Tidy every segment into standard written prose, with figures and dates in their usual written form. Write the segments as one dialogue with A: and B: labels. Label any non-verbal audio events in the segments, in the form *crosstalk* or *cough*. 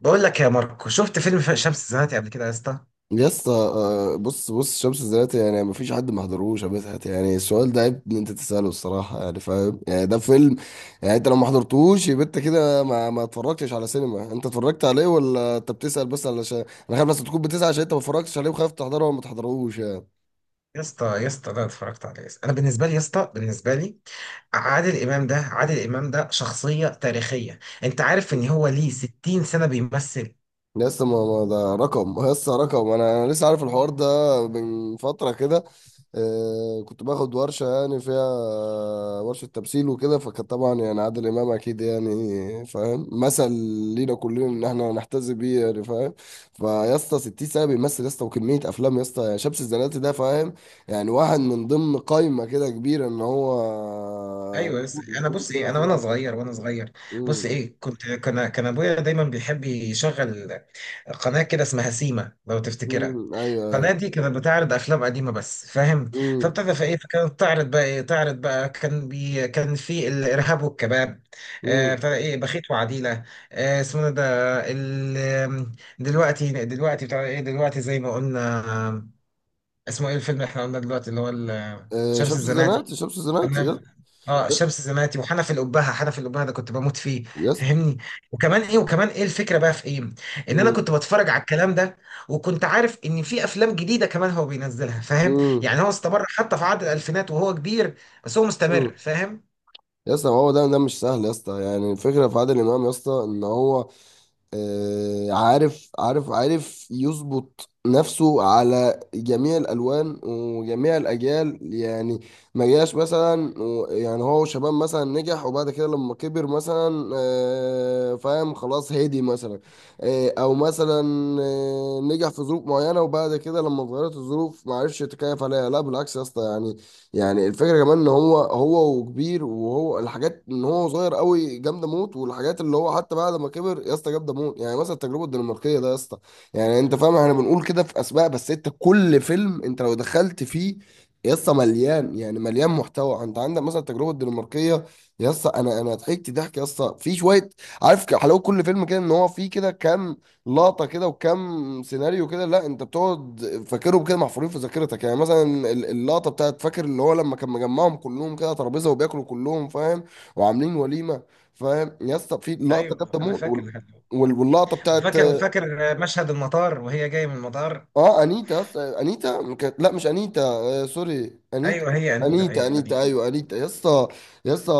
A: بقول لك يا ماركو شفت فيلم شمس الزناتي قبل كده يا اسطى.
B: يا اسطى بص شمس الزناتي، يعني مفيش حد ما حضروش يا مدحت. يعني السؤال ده عيب ان انت تساله الصراحه، يعني فاهم، يعني ده فيلم. يعني انت لو ما حضرتوش يبقى انت كده ما اتفرجتش على سينما، انت اتفرجت عليه ولا انت بتسال بس علشان انا خايف بس تكون بتسال عشان انت ما اتفرجتش عليه وخايف تحضره وما تحضروش يعني.
A: يا اسطى ده اتفرجت عليه يا اسطى. انا بالنسبه لي يا اسطى بالنسبه لي عادل امام ده شخصيه تاريخيه. انت عارف ان هو ليه 60 سنه بيمثل؟
B: لسه ما ده رقم، لسه رقم. انا لسه عارف الحوار ده من فتره كده. كنت باخد ورشه يعني فيها، ورشه تمثيل وكده. فكان طبعا يعني عادل امام اكيد، يعني فاهم، مثل لينا كلنا ان احنا نحتذي بيه، يعني فاهم. فيا اسطى 60 سنه بيمثل يا اسطى، وكميه افلام يا اسطى. يعني شمس الزناتي ده، فاهم، يعني واحد من ضمن قائمه كده كبيره، ان هو
A: ايوه بس
B: طول
A: انا
B: طول
A: بص
B: في
A: ايه انا وانا
B: الافلام.
A: صغير وانا صغير بص
B: امم
A: ايه كنت كان ابويا دايما بيحب يشغل قناه كده اسمها سيما، لو تفتكرها.
B: ايوه
A: القناة
B: ايوه.
A: دي كانت بتعرض أفلام قديمة بس، فاهم؟ فابتدى في إيه، فكانت تعرض بقى إيه، تعرض بقى كان كان في الإرهاب والكباب.
B: امم
A: ابتدى إيه، بخيت وعديلة. اسمه ده ال... دلوقتي بتاع إيه، دلوقتي زي ما قلنا. آه، اسمه إيه الفيلم اللي إحنا قلنا دلوقتي اللي هو شمس
B: شمس
A: الزناتي.
B: الزناتي شمس الزناتي يس.
A: تمام. اه
B: يس.
A: شمس زناتي وحنف الأبهة، حنف الأبهة ده كنت بموت فيه،
B: يس.
A: فاهمني؟ وكمان ايه، وكمان ايه الفكرة بقى في ايه؟ ان انا
B: مم.
A: كنت بتفرج على الكلام ده، وكنت عارف ان في افلام جديدة كمان هو بينزلها، فاهم؟
B: مم.
A: يعني هو استمر حتى في عقد الالفينات وهو كبير، بس هو مستمر،
B: مم.
A: فاهم؟
B: يا اسطى ما هو ده مش سهل يا اسطى. يعني الفكره في عادل امام يا اسطى، ان هو عارف يظبط نفسه على جميع الألوان وجميع الأجيال يعني. ما جاش مثلا يعني هو شباب مثلا نجح وبعد كده لما كبر مثلا فاهم، خلاص هادي مثلا، أو مثلا نجح في ظروف معينة، وبعد كده لما اتغيرت الظروف ما عرفش يتكيف عليها. لا بالعكس يا اسطى، يعني يعني الفكره كمان ان هو هو وكبير، وهو الحاجات ان هو صغير قوي جامده موت، والحاجات اللي هو حتى بعد ما كبر يا اسطى جامده موت. يعني مثلا التجربه الدنماركيه ده يا اسطى، يعني انت فاهم. احنا بنقول كده في اسماء، بس انت كل فيلم انت لو دخلت فيه يا اسطى مليان، يعني مليان محتوى. انت عندك مثلا التجربه الدنماركيه يا اسطى، انا ضحكت ضحك يا اسطى في شويه. عارف حلاوه كل فيلم كده، ان هو فيه كده كام لقطه كده وكم سيناريو كده. لا انت بتقعد فاكرهم كده محفورين في ذاكرتك. يعني مثلا اللقطه بتاعت، فاكر اللي هو لما كان مجمعهم كلهم كده على ترابيزه وبياكلوا كلهم، فاهم، وعاملين وليمه. فاهم يا اسطى، في لقطه
A: ايوه
B: جامده
A: انا
B: موت.
A: فاكر لحد دلوقتي.
B: واللقطه بتاعت
A: وفاكر مشهد المطار وهي جاية من المطار.
B: اه انيتا. يس انيتا. لا مش انيتا، آه سوري انيتا.
A: ايوه هي انيتا
B: انيتا،
A: ايوه.
B: انيتا، ايوه انيتا يا اسطى. يا اسطى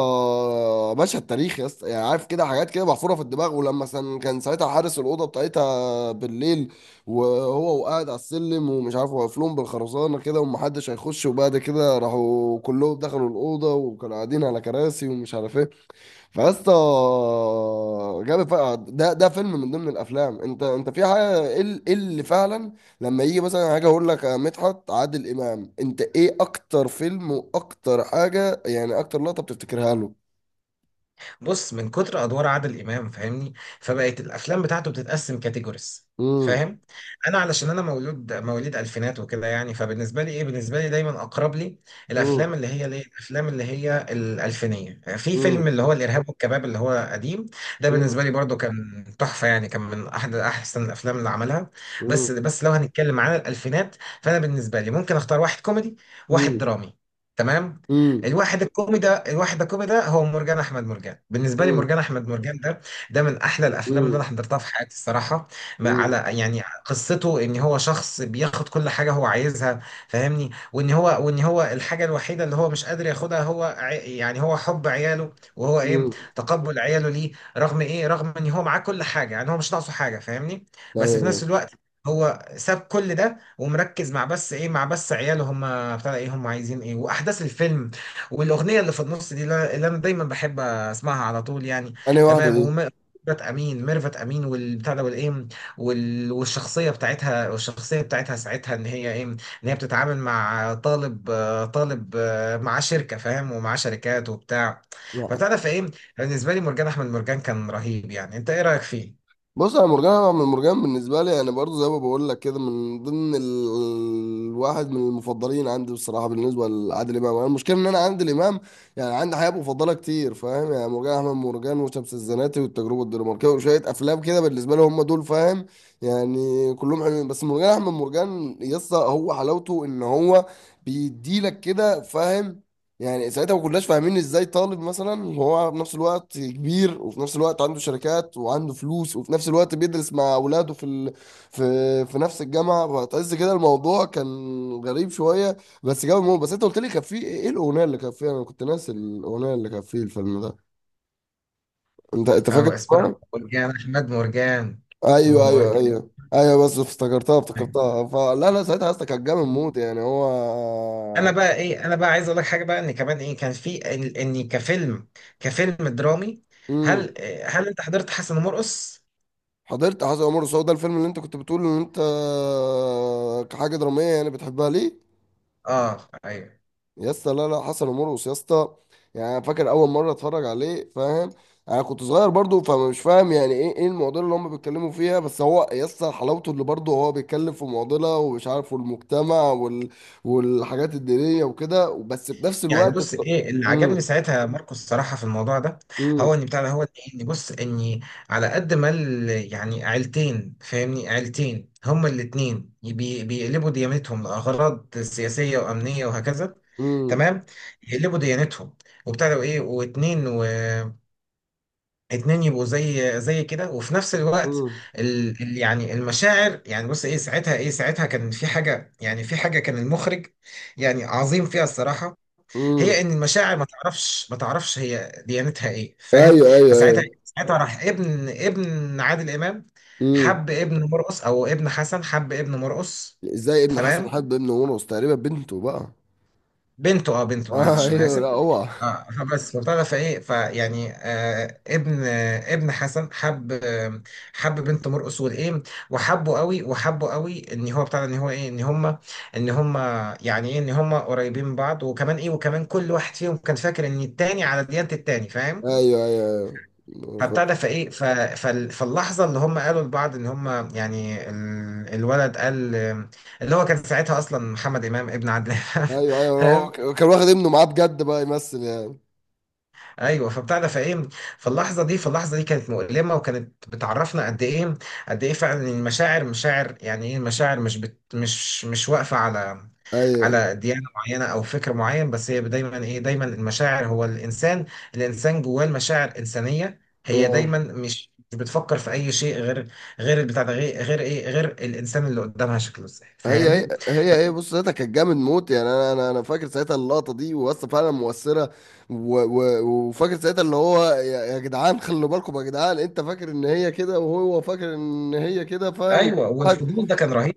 B: مشهد تاريخي يا اسطى، يعني عارف كده، حاجات كده محفوره في الدماغ. ولما كان ساعتها حارس الاوضه بتاعتها بالليل، وهو وقاعد على السلم ومش عارف، واقف لهم بالخرسانه كده ومحدش هيخش. وبعد كده راحوا كلهم دخلوا الاوضه وكانوا قاعدين على كراسي ومش عارف ايه. فاسطى جاب ده فيلم من ضمن الافلام. انت انت في حاجه ايه، إيه اللي فعلا لما يجي مثلا حاجه، اقول لك يا مدحت، عادل امام انت ايه اكتر فيلم واكتر حاجه، يعني اكتر لقطه بتفتكرها له؟
A: بص من كتر ادوار عادل امام، فاهمني؟ فبقت الافلام بتاعته بتتقسم كاتيجوريز،
B: امم
A: فاهم؟ انا علشان انا مولود مواليد الفينات وكده، يعني فبالنسبه لي ايه، بالنسبه لي دايما اقرب لي الافلام
B: امم
A: اللي هي ليه، الافلام اللي هي الالفينيه. في فيلم
B: امم
A: اللي هو الارهاب والكباب اللي هو قديم، ده بالنسبه لي برضو كان تحفه، يعني كان من احد احسن الافلام اللي عملها.
B: امم
A: بس لو هنتكلم عن الالفينات، فانا بالنسبه لي ممكن اختار واحد كوميدي، واحد
B: امم
A: درامي. تمام.
B: امم
A: الواحد الكومي ده هو مرجان احمد مرجان. بالنسبه لي
B: امم
A: مرجان احمد مرجان ده، ده من احلى الافلام اللي انا
B: امم
A: حضرتها في حياتي الصراحه. ما
B: امم
A: على، يعني قصته ان هو شخص بياخد كل حاجه هو عايزها، فاهمني؟ وان هو الحاجه الوحيده اللي هو مش قادر ياخدها هو يعني هو حب عياله، وهو ايه،
B: امم
A: تقبل عياله ليه، رغم ايه، رغم ان هو معاه كل حاجه، يعني هو مش ناقصه حاجه، فاهمني؟
B: ايوه
A: بس في نفس
B: ايوه.
A: الوقت هو ساب كل ده ومركز مع بس ايه، مع بس عياله، هم بتاع ايه، هم عايزين ايه، واحداث الفيلم والاغنيه اللي في النص دي اللي انا دايما بحب اسمعها على طول يعني.
B: انا واحده
A: تمام
B: دي.
A: ميرفت امين، ميرفت امين والبتاع ده والايه والشخصيه بتاعتها، والشخصيه بتاعتها ساعتها ان هي ايه، ان هي بتتعامل مع طالب، طالب معاه شركه، فاهم؟ ومعاه شركات وبتاع. فبتعرف ايه، بالنسبه لي مرجان احمد مرجان كان رهيب، يعني انت ايه رايك فيه؟
B: بص، انا مرجان، انا من مرجان بالنسبه لي، يعني برضو زي ما بقول لك كده، من ضمن الواحد من المفضلين عندي بصراحه بالنسبه لعادل امام. أنا المشكله ان انا عندي الامام، يعني عندي حاجات مفضله كتير، فاهم. يعني مرجان احمد مرجان، وشمس الزناتي، والتجربه الدنماركيه، وشويه افلام كده بالنسبه لي هم دول، فاهم. يعني كلهم حلوين، بس مرجان احمد مرجان يسطا هو حلاوته ان هو بيديلك كده، فاهم. يعني ساعتها ما كناش فاهمين ازاي طالب مثلا، وهو في نفس الوقت كبير، وفي نفس الوقت عنده شركات وعنده فلوس، وفي نفس الوقت بيدرس مع اولاده في ال... في في نفس الجامعه. فتحس كده الموضوع كان غريب شويه. بس جاب الموضوع، بس انت قلت لي كان في ايه الاغنيه اللي كان فيها، انا كنت ناسي الاغنيه اللي كان في الفيلم ده. انت
A: او
B: فاكر
A: اسباب
B: اسمها؟
A: مرجان احمد مرجان،
B: ايوه ايوه
A: مرجان.
B: ايوه ايوه. بس افتكرتها، افتكرتها، فلا لا. ساعتها اصلا كان جامد موت، يعني هو.
A: انا بقى ايه، انا بقى عايز اقول لك حاجه بقى ان كمان ايه، كان في ان إني كفيلم، كفيلم درامي.
B: مم.
A: هل هل انت حضرت حسن ومرقص؟
B: حضرت حسن ومرقص؟ هو ده الفيلم اللي انت كنت بتقول ان انت كحاجه دراميه يعني بتحبها ليه؟
A: اه ايوه.
B: يا اسطى، لا لا، حسن ومرقص يا اسطى، يعني أنا فاكر اول مره اتفرج عليه، فاهم، انا كنت صغير برضو، فمش فاهم يعني ايه ايه المعضله اللي هم بيتكلموا فيها. بس هو يا اسطى حلاوته اللي برضو هو بيتكلم في معضله ومش عارف، والمجتمع والحاجات الدينيه وكده، بس في نفس
A: يعني
B: الوقت
A: بص ايه اللي عجبني
B: امم
A: ساعتها ماركوس الصراحه في الموضوع ده،
B: امم
A: هو ان بتاع ده، هو ان بص اني على قد ما يعني عيلتين، فاهمني؟ عيلتين هما الاتنين بيقلبوا ديانتهم لاغراض سياسيه وامنيه وهكذا.
B: امم
A: تمام. يقلبوا ديانتهم وبتاع ده وايه، واتنين و اتنين، يبقوا زي كده وفي نفس الوقت
B: امم
A: يعني المشاعر، يعني بص ايه ساعتها ايه، ساعتها كان في حاجة، يعني في حاجة كان المخرج يعني عظيم فيها الصراحة،
B: امم
A: هي ان المشاعر ما تعرفش هي ديانتها ايه، فاهم؟
B: ايوه ايوه
A: فساعتها،
B: ايوه.
A: ساعتها راح ابن عادل امام،
B: امم
A: حب ابن مرقص او ابن حسن، حب ابن مرقص.
B: ازاي ابن حسن
A: تمام.
B: حب ابن ونص تقريبا، بنته بقى.
A: بنته، اه
B: *laughs*
A: بنته،
B: آه
A: معلش انا
B: ايوه لا
A: اسف.
B: هو.
A: اه فبس فبتاع ده، فايه فيعني آه ابن، آه ابن حسن حب، آه حب بنت مرقص والايه، وحبه قوي ان هو بتاع ده، ان هو ايه، ان هم يعني ايه، ان هم قريبين من بعض. وكمان ايه، وكمان كل واحد فيهم كان فاكر ان التاني على ديانة التاني، فاهم؟
B: ايوه ايوه ايوه
A: فبتاع ده فايه فاللحظه اللي هم قالوا لبعض ان هم، يعني الولد قال اللي هو كان ساعتها اصلا محمد امام ابن عادل
B: ايوه ايوه. هو
A: امام. *laughs*
B: كان واخد ابنه معاه بجد بقى يمثل يعني.
A: ايوه فبتاع ده فايه، فاللحظه دي فاللحظه دي كانت مؤلمه وكانت بتعرفنا قد ايه، قد ايه فعلا المشاعر مشاعر، يعني ايه المشاعر مش بت مش مش واقفه على
B: ايوه
A: على ديانه معينه او فكر معين، بس هي دايما ايه، دايما المشاعر هو الانسان، الانسان جواه المشاعر انسانيه، هي دايما
B: اه.
A: مش بتفكر في اي شيء غير غير البتاع ده، غير غير الانسان اللي قدامها شكله ازاي،
B: هي هي
A: فاهمني؟
B: هي هي بص، ساعتها كانت جامد موت، يعني انا فاكر ساعتها اللقطه دي، واسطه فعلا مؤثره. و و وفاكر ساعتها، اللي هو يا يا جدعان خلوا بالكم يا جدعان. انت فاكر ان هي كده وهو فاكر ان هي كده، فاهم؟
A: ايوه والفضول ده كان رهيب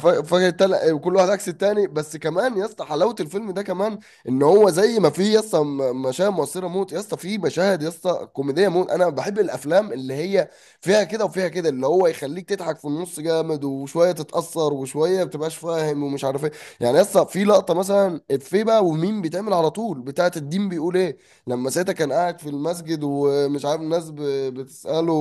B: وكل واحد عكس التاني. بس كمان يا اسطى حلاوه الفيلم ده كمان، ان هو زي ما فيه يا اسطى مشاهد مؤثره موت، يا اسطى فيه مشاهد يا اسطى كوميديه موت. انا بحب الافلام اللي هي فيها كده وفيها كده، اللي هو يخليك تضحك في النص جامد، وشويه تتاثر، وشويه ما بتبقاش فاهم ومش عارف ايه. يعني يا اسطى في لقطه مثلا افيه بقى ومين بيتعمل على طول، بتاعه الدين بيقول ايه، لما ساعتها كان قاعد في المسجد ومش عارف الناس بتساله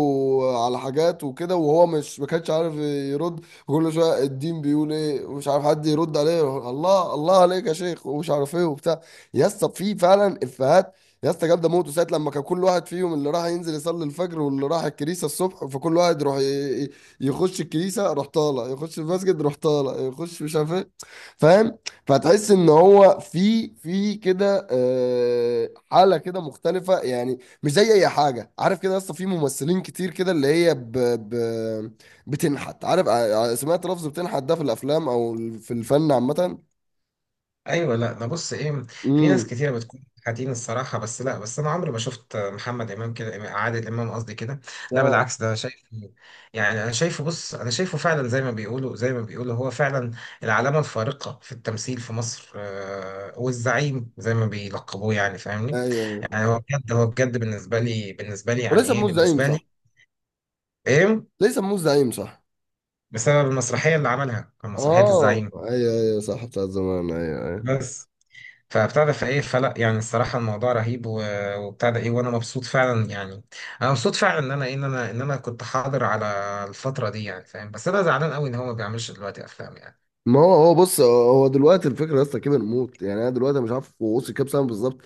B: على حاجات وكده، وهو مش ما كانش عارف يرد. كل شويه الدين بيقول ايه ومش عارف حد يرد عليه، الله الله عليك يا شيخ ومش عارف ايه وبتاع. يا اسطى في فعلا افيهات يا اسطى جامده موت. ساعه لما كان كل واحد فيهم، اللي راح ينزل يصلي الفجر، واللي راح الكنيسه الصبح، فكل واحد يروح يخش الكنيسه روح طالع، يخش المسجد روح طالع، يخش مش عارف ايه، فاهم. فتحس ان هو في في كده حاله كده مختلفه، يعني مش زي اي حاجه. عارف كده، يا اسطى في ممثلين كتير كده اللي هي ب ب بتنحت. عارف سمعت لفظ بتنحت ده في الافلام او في الفن عامه.
A: ايوه لا ده بص ايه، في ناس
B: امم
A: كتيره بتكون حاتين الصراحه، بس لا، بس انا عمري ما شفت محمد امام كده، عادل امام قصدي كده. لا
B: اه
A: بالعكس ده شايف، يعني انا شايفه، بص انا شايفه فعلا زي ما بيقولوا هو فعلا العلامه الفارقه في التمثيل في مصر، والزعيم زي ما بيلقبوه، يعني
B: ايوه
A: فاهمني.
B: ايوه.
A: يعني هو بجد بالنسبه لي، بالنسبه لي يعني
B: وليس
A: ايه،
B: موز زعيم
A: بالنسبه
B: صح.
A: لي ايه،
B: ليس موز زعيم صح.
A: بسبب المسرحيه اللي عملها، كان مسرحيه
B: اه
A: الزعيم.
B: ايوه ايوه صح، بتاع زمان، ايوه ايوه.
A: بس فابتدى فايه، فلا يعني الصراحه الموضوع رهيب وابتدى ايه، وانا مبسوط فعلا يعني. انا مبسوط فعلا ان انا ان انا ان انا كنت حاضر على الفتره دي، يعني فاهم؟ بس انا زعلان قوي ان هو ما بيعملش دلوقتي افلام يعني.
B: ما هو هو بص هو دلوقتي الفكره يا اسطى كبر موت، يعني انا دلوقتي مش عارف هو وصل كام سنه بالظبط،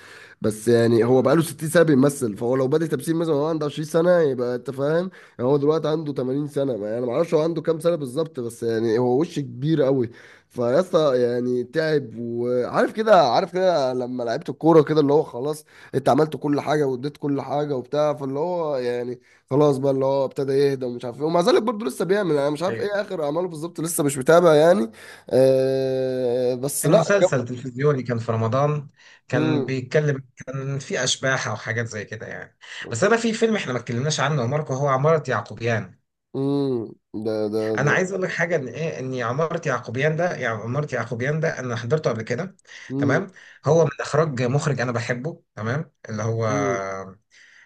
B: بس يعني هو بقاله 60 سنه بيمثل. فهو لو بادئ تمثيل مثلا وهو عنده 20 سنه يبقى، انت فاهم، يعني هو دلوقتي عنده 80 سنه. انا ما اعرفش هو عنده كام سنه بالظبط، بس يعني هو وش كبير قوي. فيا اسطى يعني تعب، وعارف كده عارف كده، لما لعبت الكوره كده، اللي هو خلاص انت عملت كل حاجه واديت كل حاجه وبتاع، فاللي هو يعني خلاص بقى، اللي هو ابتدى يهدى ومش عارف ايه. ومع ذلك برضه لسه بيعمل. انا مش عارف
A: ايوه
B: ايه اخر اعماله بالظبط، لسه مش متابع يعني. بس
A: كان
B: لا
A: مسلسل
B: جو.
A: تلفزيوني كان في رمضان، كان
B: مم.
A: بيتكلم كان في اشباح او حاجات زي كده يعني. بس انا في فيلم احنا ما اتكلمناش عنه يا ماركو، هو عمارة يعقوبيان.
B: مم. ده ده
A: انا
B: ده
A: عايز اقول لك حاجه ان ايه، ان عماره يعقوبيان ده، يعني عماره يعقوبيان ده انا حضرته قبل كده.
B: مم.
A: تمام. هو من اخراج مخرج انا بحبه، تمام، اللي هو
B: مم.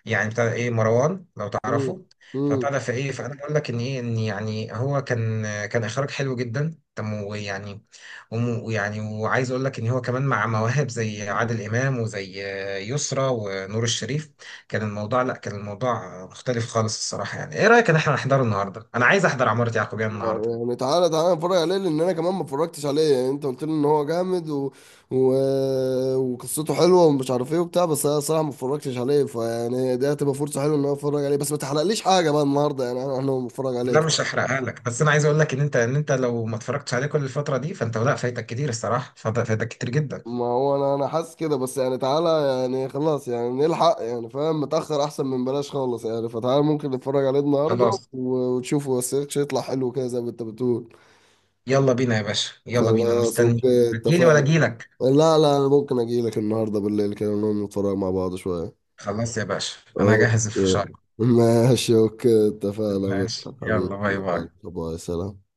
A: يعني بتاع ايه، مروان لو
B: مم.
A: تعرفه. فبتاع
B: مم.
A: ده فايه. مم. فانا بقول لك ان ايه، ان يعني هو كان اخراج حلو جدا، تم ويعني ويعني وعايز اقول لك ان هو كمان مع مواهب زي عادل امام وزي يسرا ونور الشريف، كان الموضوع لا كان الموضوع مختلف خالص الصراحه. يعني ايه رايك ان احنا نحضره النهارده؟ انا عايز احضر عمارة يعقوبيان النهارده.
B: يعني تعالى تعالى نتفرج عليه، لان انا كمان ما اتفرجتش عليه. يعني انت قلت لي ان هو جامد، و... وقصته حلوه ومش عارف ايه وبتاع، بس انا صراحه ما اتفرجتش عليه. فيعني دي هتبقى فرصه حلوه ان انا اتفرج عليه، بس ما تحرقليش حاجه بقى النهارده يعني. أنا هتفرج عليه.
A: لا مش هحرقها لك، بس انا عايز اقول لك ان انت، ان انت لو ما اتفرجتش عليه كل الفتره دي، فانت لا فايتك كتير الصراحه، فايتك كتير جدا.
B: ما هو انا حاسس كده، بس يعني تعالى، يعني خلاص يعني نلحق، يعني فاهم، متأخر احسن من بلاش خالص يعني. فتعالى ممكن نتفرج عليه النهارده
A: خلاص
B: وتشوفه، بس يطلع حلو كده زي ما انت بتقول.
A: يلا بينا يا باشا، يلا بينا، انا
B: خلاص
A: مستنيك
B: اوكي
A: هتجيلي ولا
B: اتفقنا.
A: اجيلك؟
B: لا لا، انا ممكن اجي لك النهارده بالليل كده نقوم نتفرج مع بعض شويه.
A: خلاص يا باشا انا هجهز
B: اوكي
A: الفشار.
B: *laughs* ماشي اوكي اتفقنا.
A: ماشي يلا،
B: حبيبي،
A: باي باي.
B: يلا باي سلام.